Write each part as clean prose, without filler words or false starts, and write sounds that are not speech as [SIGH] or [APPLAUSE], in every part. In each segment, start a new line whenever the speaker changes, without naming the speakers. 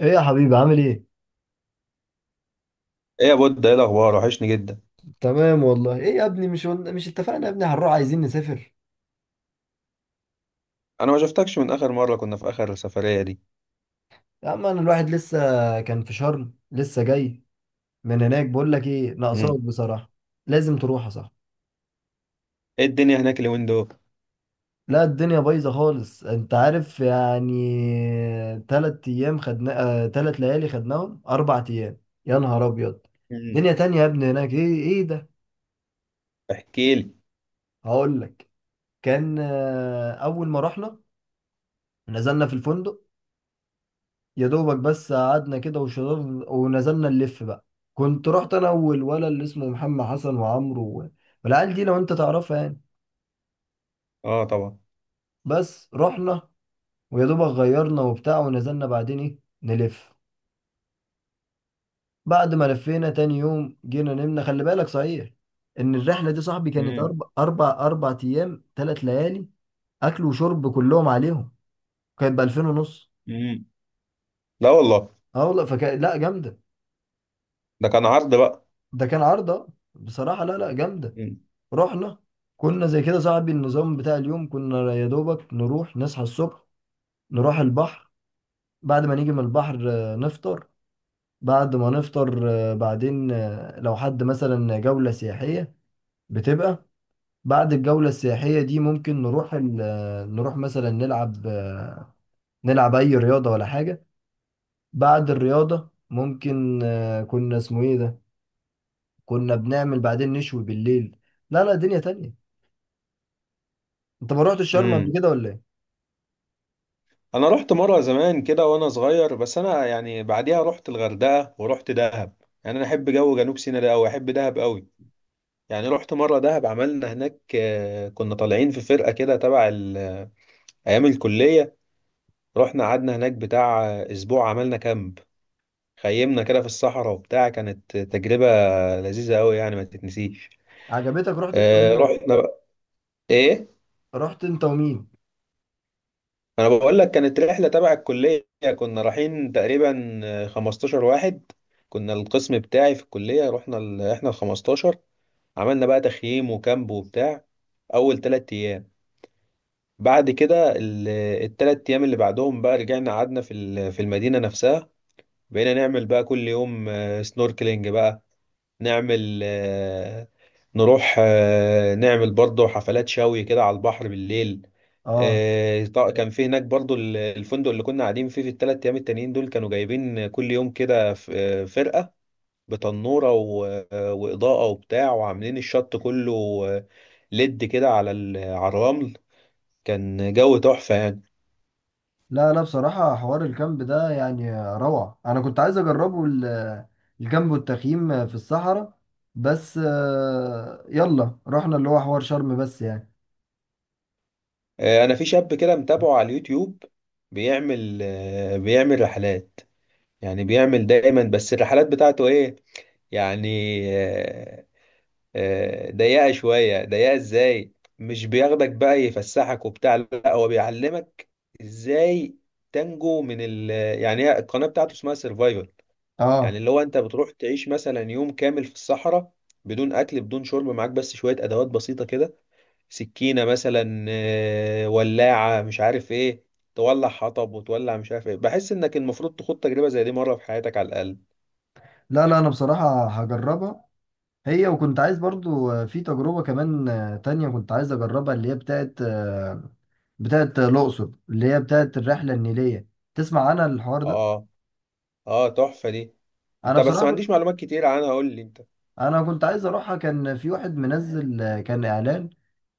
ايه يا حبيبي، عامل ايه؟
ايه يا بود، ايه الاخبار؟ وحشني جدا.
تمام والله. ايه يا ابني، مش قلنا، مش اتفقنا يا ابني هنروح، عايزين نسافر.
انا ما شفتكش من اخر مره كنا في اخر السفريه دي.
يا عم، انا الواحد لسه كان في شرم، لسه جاي من هناك. بقول لك ايه، ناقصاك
امم
بصراحة. لازم تروح يا صاحبي.
ايه الدنيا هناك اليومين دول؟
لا، الدنيا بايظة خالص، انت عارف يعني. تلات ايام خدنا، تلات ليالي خدناهم، اربع ايام. يا نهار ابيض،
امم
دنيا تانية يا ابني هناك. ايه، ايه ده؟
احكي لي.
هقول لك. كان اول ما رحنا، نزلنا في الفندق. يا دوبك بس قعدنا كده وشربنا، ونزلنا نلف بقى. كنت رحت انا والولد اللي اسمه محمد حسن وعمرو والعيال دي لو انت تعرفها يعني.
اه طبعا.
بس رحنا، ويا دوبك غيرنا وبتاع، ونزلنا بعدين ايه نلف. بعد ما لفينا، تاني يوم جينا نمنا. خلي بالك صحيح ان الرحله دي، صاحبي، كانت
امم
اربع ايام ثلاث ليالي، اكل وشرب كلهم عليهم، كانت ب 2000 ونص.
امم لا والله،
اه والله، فكان لا، جامده.
ده كان عرض بقى.
ده كان عرضه بصراحه، لا لا، جامده.
امم
رحنا، كنا زي كده، صاحبي، النظام بتاع اليوم كنا يا دوبك نروح نصحى الصبح، نروح البحر. بعد ما نيجي من البحر نفطر. بعد ما نفطر آه، بعدين آه، لو حد مثلا جولة سياحية بتبقى، بعد الجولة السياحية دي ممكن نروح نروح مثلا نلعب، نلعب أي رياضة ولا حاجة. بعد الرياضة ممكن، كنا اسمه ايه ده، كنا بنعمل بعدين نشوي بالليل. لا لا، دنيا تانية. انت ما روحتش شرم قبل
امم
كده ولا ايه؟
انا رحت مره زمان كده وانا صغير، بس انا يعني بعديها رحت الغردقه ورحت دهب. يعني انا احب جو جنوب سيناء ده قوي، احب دهب قوي. يعني رحت مره دهب، عملنا هناك كنا طالعين في فرقه كده تبع ايام الكليه. رحنا قعدنا هناك بتاع اسبوع، عملنا كامب، خيمنا كده في الصحراء وبتاع. كانت تجربة لذيذة أوي، يعني ما تتنسيش.
عجبتك؟ رحت؟
آه رحنا بقى. إيه؟
رحت انت ومين؟
أنا بقول لك، كانت رحلة تبع الكلية، كنا رايحين تقريبا 15 واحد. كنا القسم بتاعي في الكلية، رحنا إحنا ال 15. عملنا بقى تخييم وكامب وبتاع أول تلات أيام. بعد كده التلات أيام اللي بعدهم بقى رجعنا قعدنا في المدينة نفسها. بقينا نعمل بقى كل يوم سنوركلينج بقى، نعمل نروح نعمل برضه حفلات شوي كده على البحر بالليل.
اه،
كان في هناك برضه الفندق اللي كنا قاعدين فيه في الثلاث ايام التانيين دول كانوا جايبين كل يوم كده فرقة بتنورة وإضاءة وبتاع، وعاملين الشط كله آه، ليد كده على الرمل. كان جو تحفة يعني.
لا لا، بصراحة حوار الكامب ده يعني روعة. انا كنت عايز اجربه، الكامب والتخييم في الصحراء. بس يلا رحنا اللي هو حوار شرم بس يعني.
انا في شاب كده متابعه على اليوتيوب، بيعمل بيعمل رحلات. يعني بيعمل دايما، بس الرحلات بتاعته ايه يعني؟ آه، ضيقة شوية. ضيقة ازاي؟ مش بياخدك بقى يفسحك وبتاع، لا هو بيعلمك ازاي تنجو من ال... يعني هي القناة بتاعته اسمها سيرفايفل.
اه،
يعني اللي هو انت بتروح تعيش مثلا يوم كامل في الصحراء بدون اكل بدون شرب، معاك بس شوية ادوات بسيطة كده، سكينة مثلا ولاعة، مش عارف ايه، تولع حطب وتولع مش عارف ايه. بحس انك المفروض تخوض تجربة زي دي مرة في حياتك على الاقل.
لا لا، انا بصراحة هجربها. هي وكنت عايز برضو في تجربة كمان تانية كنت عايز اجربها، اللي هي بتاعت بتاعت الأقصر، اللي هي بتاعت الرحلة النيلية. تسمع عنها الحوار ده؟
اه. اه تحفة دي.
أنا
انت بس
بصراحة
ما
كنت،
عنديش معلومات كتير عنها، قول لي انت.
أنا كنت عايز أروحها. كان في واحد منزل كان إعلان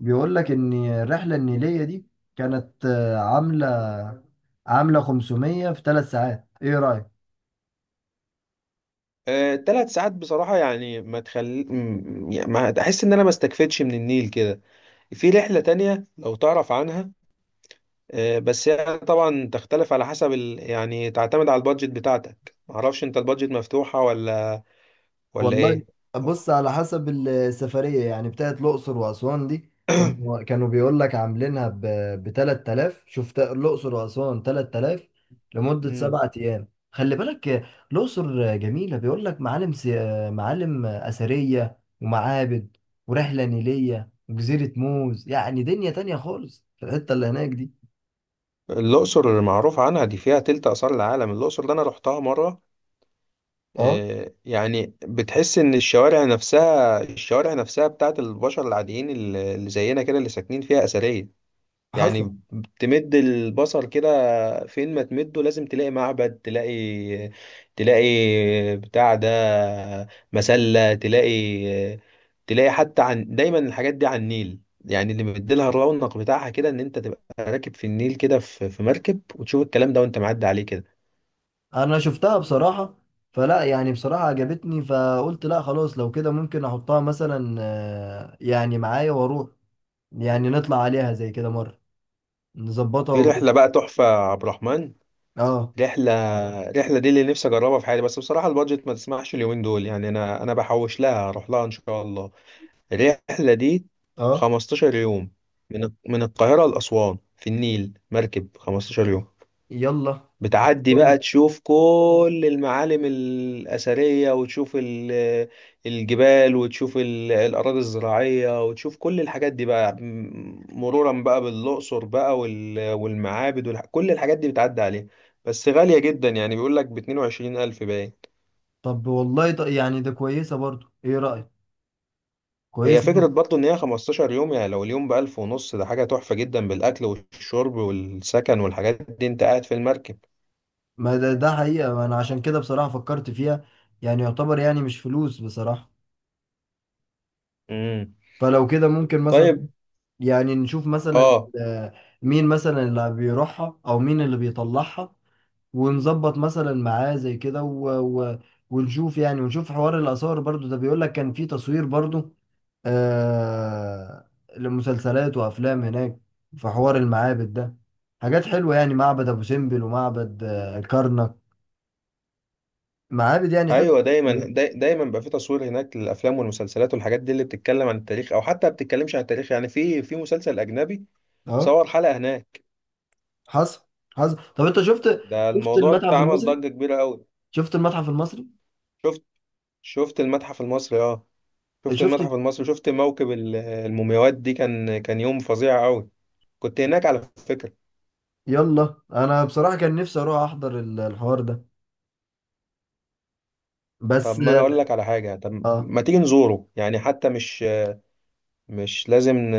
بيقول لك ان الرحله النيليه دي كانت عامله 500 في ثلاث ساعات. ايه رايك؟
تلات ساعات بصراحة يعني ما تخلي يعني ما احس ان انا ما استكفيتش من النيل كده. في رحلة تانية لو تعرف عنها بس هي طبعا تختلف على حسب يعني تعتمد على البادجت بتاعتك. معرفش انت البادجت مفتوحة ولا
والله،
ايه؟
بص، على حسب السفريه يعني. بتاعت الاقصر واسوان دي، كانوا بيقول لك عاملينها ب 3000. شفت؟ الاقصر واسوان 3000 لمده
مم.
سبعة ايام، خلي بالك. الاقصر جميله، بيقول لك معالم اثريه ومعابد، ورحله نيليه وجزيره موز. يعني دنيا تانية خالص في الحته اللي هناك دي.
الأقصر معروف عنها دي، فيها تلت آثار العالم. الأقصر ده أنا رحتها مرة.
اه
يعني بتحس ان الشوارع نفسها، الشوارع نفسها بتاعت البشر العاديين اللي زينا كده اللي ساكنين فيها أثرية
حصل.
يعني. تمد البصر كده فين ما تمده، لازم تلاقي معبد، تلاقي بتاع ده، مسلة، تلاقي حتى. عن دايما الحاجات دي على النيل يعني، اللي مديلها الرونق بتاعها كده ان انت تبقى راكب في النيل كده في مركب وتشوف الكلام ده وانت معدي عليه كده.
انا شفتها بصراحة، فلا يعني، بصراحة عجبتني، فقلت لا خلاص. لو كده ممكن احطها مثلا يعني معايا واروح، يعني نطلع عليها زي كده مرة، نظبطها
في
ونروح.
رحلة بقى تحفة يا عبد الرحمن.
اه
رحلة، رحلة دي اللي نفسي أجربها في حياتي، بس بصراحة البادجت ما تسمحش اليومين دول. يعني أنا بحوش لها، أروح لها إن شاء الله الرحلة دي.
اه،
15 يوم من القاهرة لأسوان في النيل مركب 15 يوم،
يلا
بتعدي
يلا.
بقى تشوف كل المعالم الأثرية، وتشوف الجبال، وتشوف الأراضي الزراعية، وتشوف كل الحاجات دي بقى، مرورا بقى بالأقصر بقى والمعابد كل الحاجات دي بتعدي عليها. بس غالية جدا يعني، بيقول لك ب 22000 باين.
طب والله، يعني ده كويسة برضو، ايه رأيك؟
هي
كويسة
فكرة
برضو.
برضو إن هي 15 يوم، يعني لو اليوم بألف ونص ده حاجة تحفة جدا، بالأكل والشرب والسكن والحاجات دي، أنت قاعد في المركب.
ما ده حقيقة، ما انا عشان كده بصراحة فكرت فيها. يعني يعتبر يعني مش فلوس بصراحة.
مم.
فلو كده ممكن مثلا،
طيب.
يعني نشوف مثلا،
اه.
آه، مين مثلا اللي بيروحها او مين اللي بيطلعها، ونظبط مثلا معاه زي كده، و... ونشوف يعني، ونشوف حوار الاثار برضو ده. بيقول لك كان في تصوير برضو، آه، لمسلسلات وافلام هناك، في حوار المعابد ده، حاجات حلوه يعني. معبد ابو سمبل ومعبد الكرنك، معابد يعني حلوه.
ايوه دايما، دايما بقى في تصوير هناك للافلام والمسلسلات والحاجات دي اللي بتتكلم عن التاريخ، او حتى ما بتتكلمش عن التاريخ، يعني في مسلسل اجنبي
اه
صور حلقه هناك.
حصل حصل. طب انت شفت،
ده
شفت
الموضوع ده
المتحف
عمل
المصري؟
ضجه كبيره قوي.
شفت المتحف المصري؟
شفت، شفت المتحف المصري؟ اه شفت
شفت.
المتحف المصري. شفت موكب المومياوات دي؟ كان يوم فظيع قوي، كنت هناك على فكره.
يلا انا بصراحة كان نفسي اروح احضر الحوار ده
طب
بس.
ما انا اقول لك على حاجه، طب
اه،
ما تيجي نزوره يعني، حتى مش لازم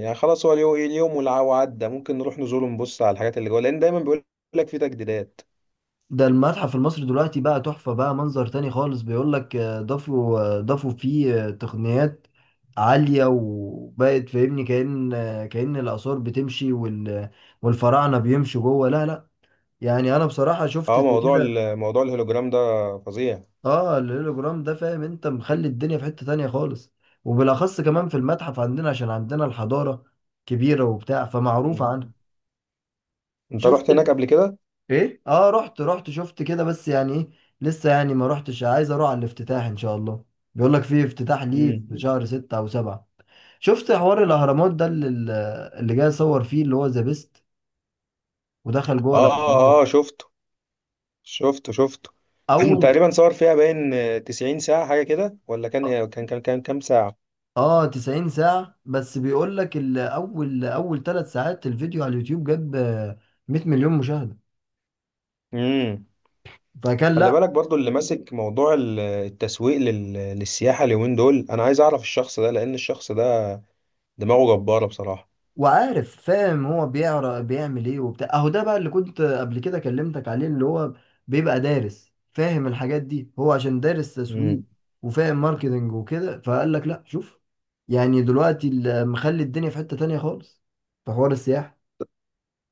يعني خلاص هو اليوم، اليوم وعدى، ممكن نروح نزوره، نبص على الحاجات اللي جوه، لان دايما بيقول لك في تجديدات.
ده المتحف المصري دلوقتي بقى تحفة، بقى منظر تاني خالص. بيقول لك ضافوا فيه تقنيات عالية، وبقت فاهمني كأن، كأن الآثار بتمشي والفراعنة بيمشوا جوه. لا لا، يعني انا بصراحة شفت
اه
زي
موضوع
كده.
موضوع الهولوجرام ده فظيع.
اه الهولوجرام ده فاهم، انت مخلي الدنيا في حتة تانية خالص. وبالأخص كمان في المتحف عندنا عشان عندنا الحضارة كبيرة وبتاع، فمعروف
مم.
عنها.
انت
شفت؟
رحت هناك قبل كده؟
ايه؟ اه رحت شفت كده بس يعني ايه. لسه يعني ما رحتش، عايز اروح على الافتتاح ان شاء الله. بيقول لك في افتتاح ليه
مم.
في شهر ستة او سبعة. شفت حوار الاهرامات ده اللي جاي يصور فيه، اللي هو ذا بيست، ودخل جوه
اه
الاهرامات
اه. شفته شفته. [CLEARS THROAT]
اول.
تقريبا صور فيها باين 90 ساعة حاجة كده، ولا كان إيه؟ كان كام ساعة؟
اه 90 ساعة، بس بيقول لك اول ثلاث ساعات الفيديو على اليوتيوب جاب 100 مليون مشاهدة،
امم
فكان
خلي
لا.
بالك برضو اللي ماسك موضوع التسويق للسياحة اليومين دول، انا عايز اعرف الشخص ده، لان الشخص ده دماغه جبارة بصراحة.
وعارف، فاهم هو بيقرا بيعمل ايه وبتاع. اهو ده بقى اللي كنت قبل كده كلمتك عليه، اللي هو بيبقى دارس فاهم الحاجات دي، هو عشان دارس تسويق وفاهم ماركتنج وكده. فقال لك لا شوف، يعني دلوقتي مخلي الدنيا في حتة تانية خالص في حوار السياحة.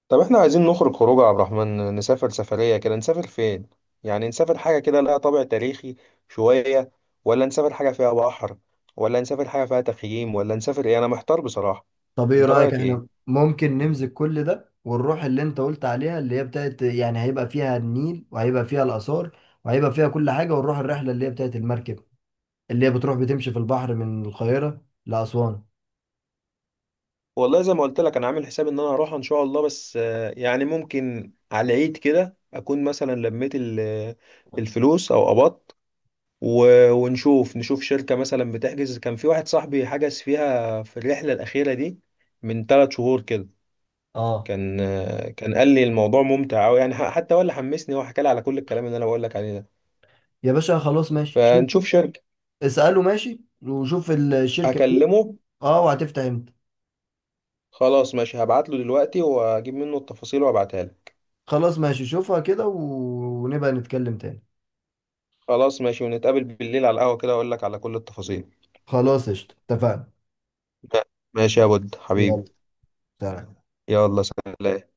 طب احنا عايزين نخرج خروج يا عبد الرحمن، نسافر سفرية كده. نسافر فين؟ يعني نسافر حاجة كده لها طابع تاريخي شوية، ولا نسافر حاجة فيها بحر، ولا نسافر حاجة فيها تخييم، ولا نسافر ايه؟ انا محتار بصراحة.
طب ايه
انت
رأيك
رأيك
احنا
ايه؟
ممكن نمسك كل ده ونروح اللي انت قلت عليها، اللي هي بتاعت يعني هيبقى فيها النيل وهيبقى فيها الآثار وهيبقى فيها كل حاجة، ونروح الرحلة اللي هي بتاعت المركب، اللي هي بتروح بتمشي في البحر من القاهرة لأسوان.
والله زي ما قلت لك، انا عامل حساب ان انا هروح ان شاء الله، بس يعني ممكن على العيد كده اكون مثلا لميت الفلوس او قبضت ونشوف، نشوف شركة مثلا بتحجز. كان في واحد صاحبي حجز فيها في الرحلة الأخيرة دي من ثلاث شهور كده،
اه،
كان كان قال لي الموضوع ممتع قوي. يعني حتى هو اللي حمسني، هو حكى لي على كل الكلام اللي انا بقول لك عليه ده.
يا باشا، خلاص ماشي شوف.
فنشوف شركة،
اسأله ماشي، وشوف الشركة فين.
اكلمه.
اه وهتفتح امتى.
خلاص ماشي، هبعت له دلوقتي واجيب منه التفاصيل وابعتها لك.
خلاص ماشي، شوفها كده ونبقى نتكلم تاني.
خلاص ماشي، ونتقابل بالليل على القهوة كده اقول لك على كل التفاصيل.
خلاص قشطة، اتفقنا.
ماشي يا بود
يلا
حبيبي.
سلام.
يلا سلام.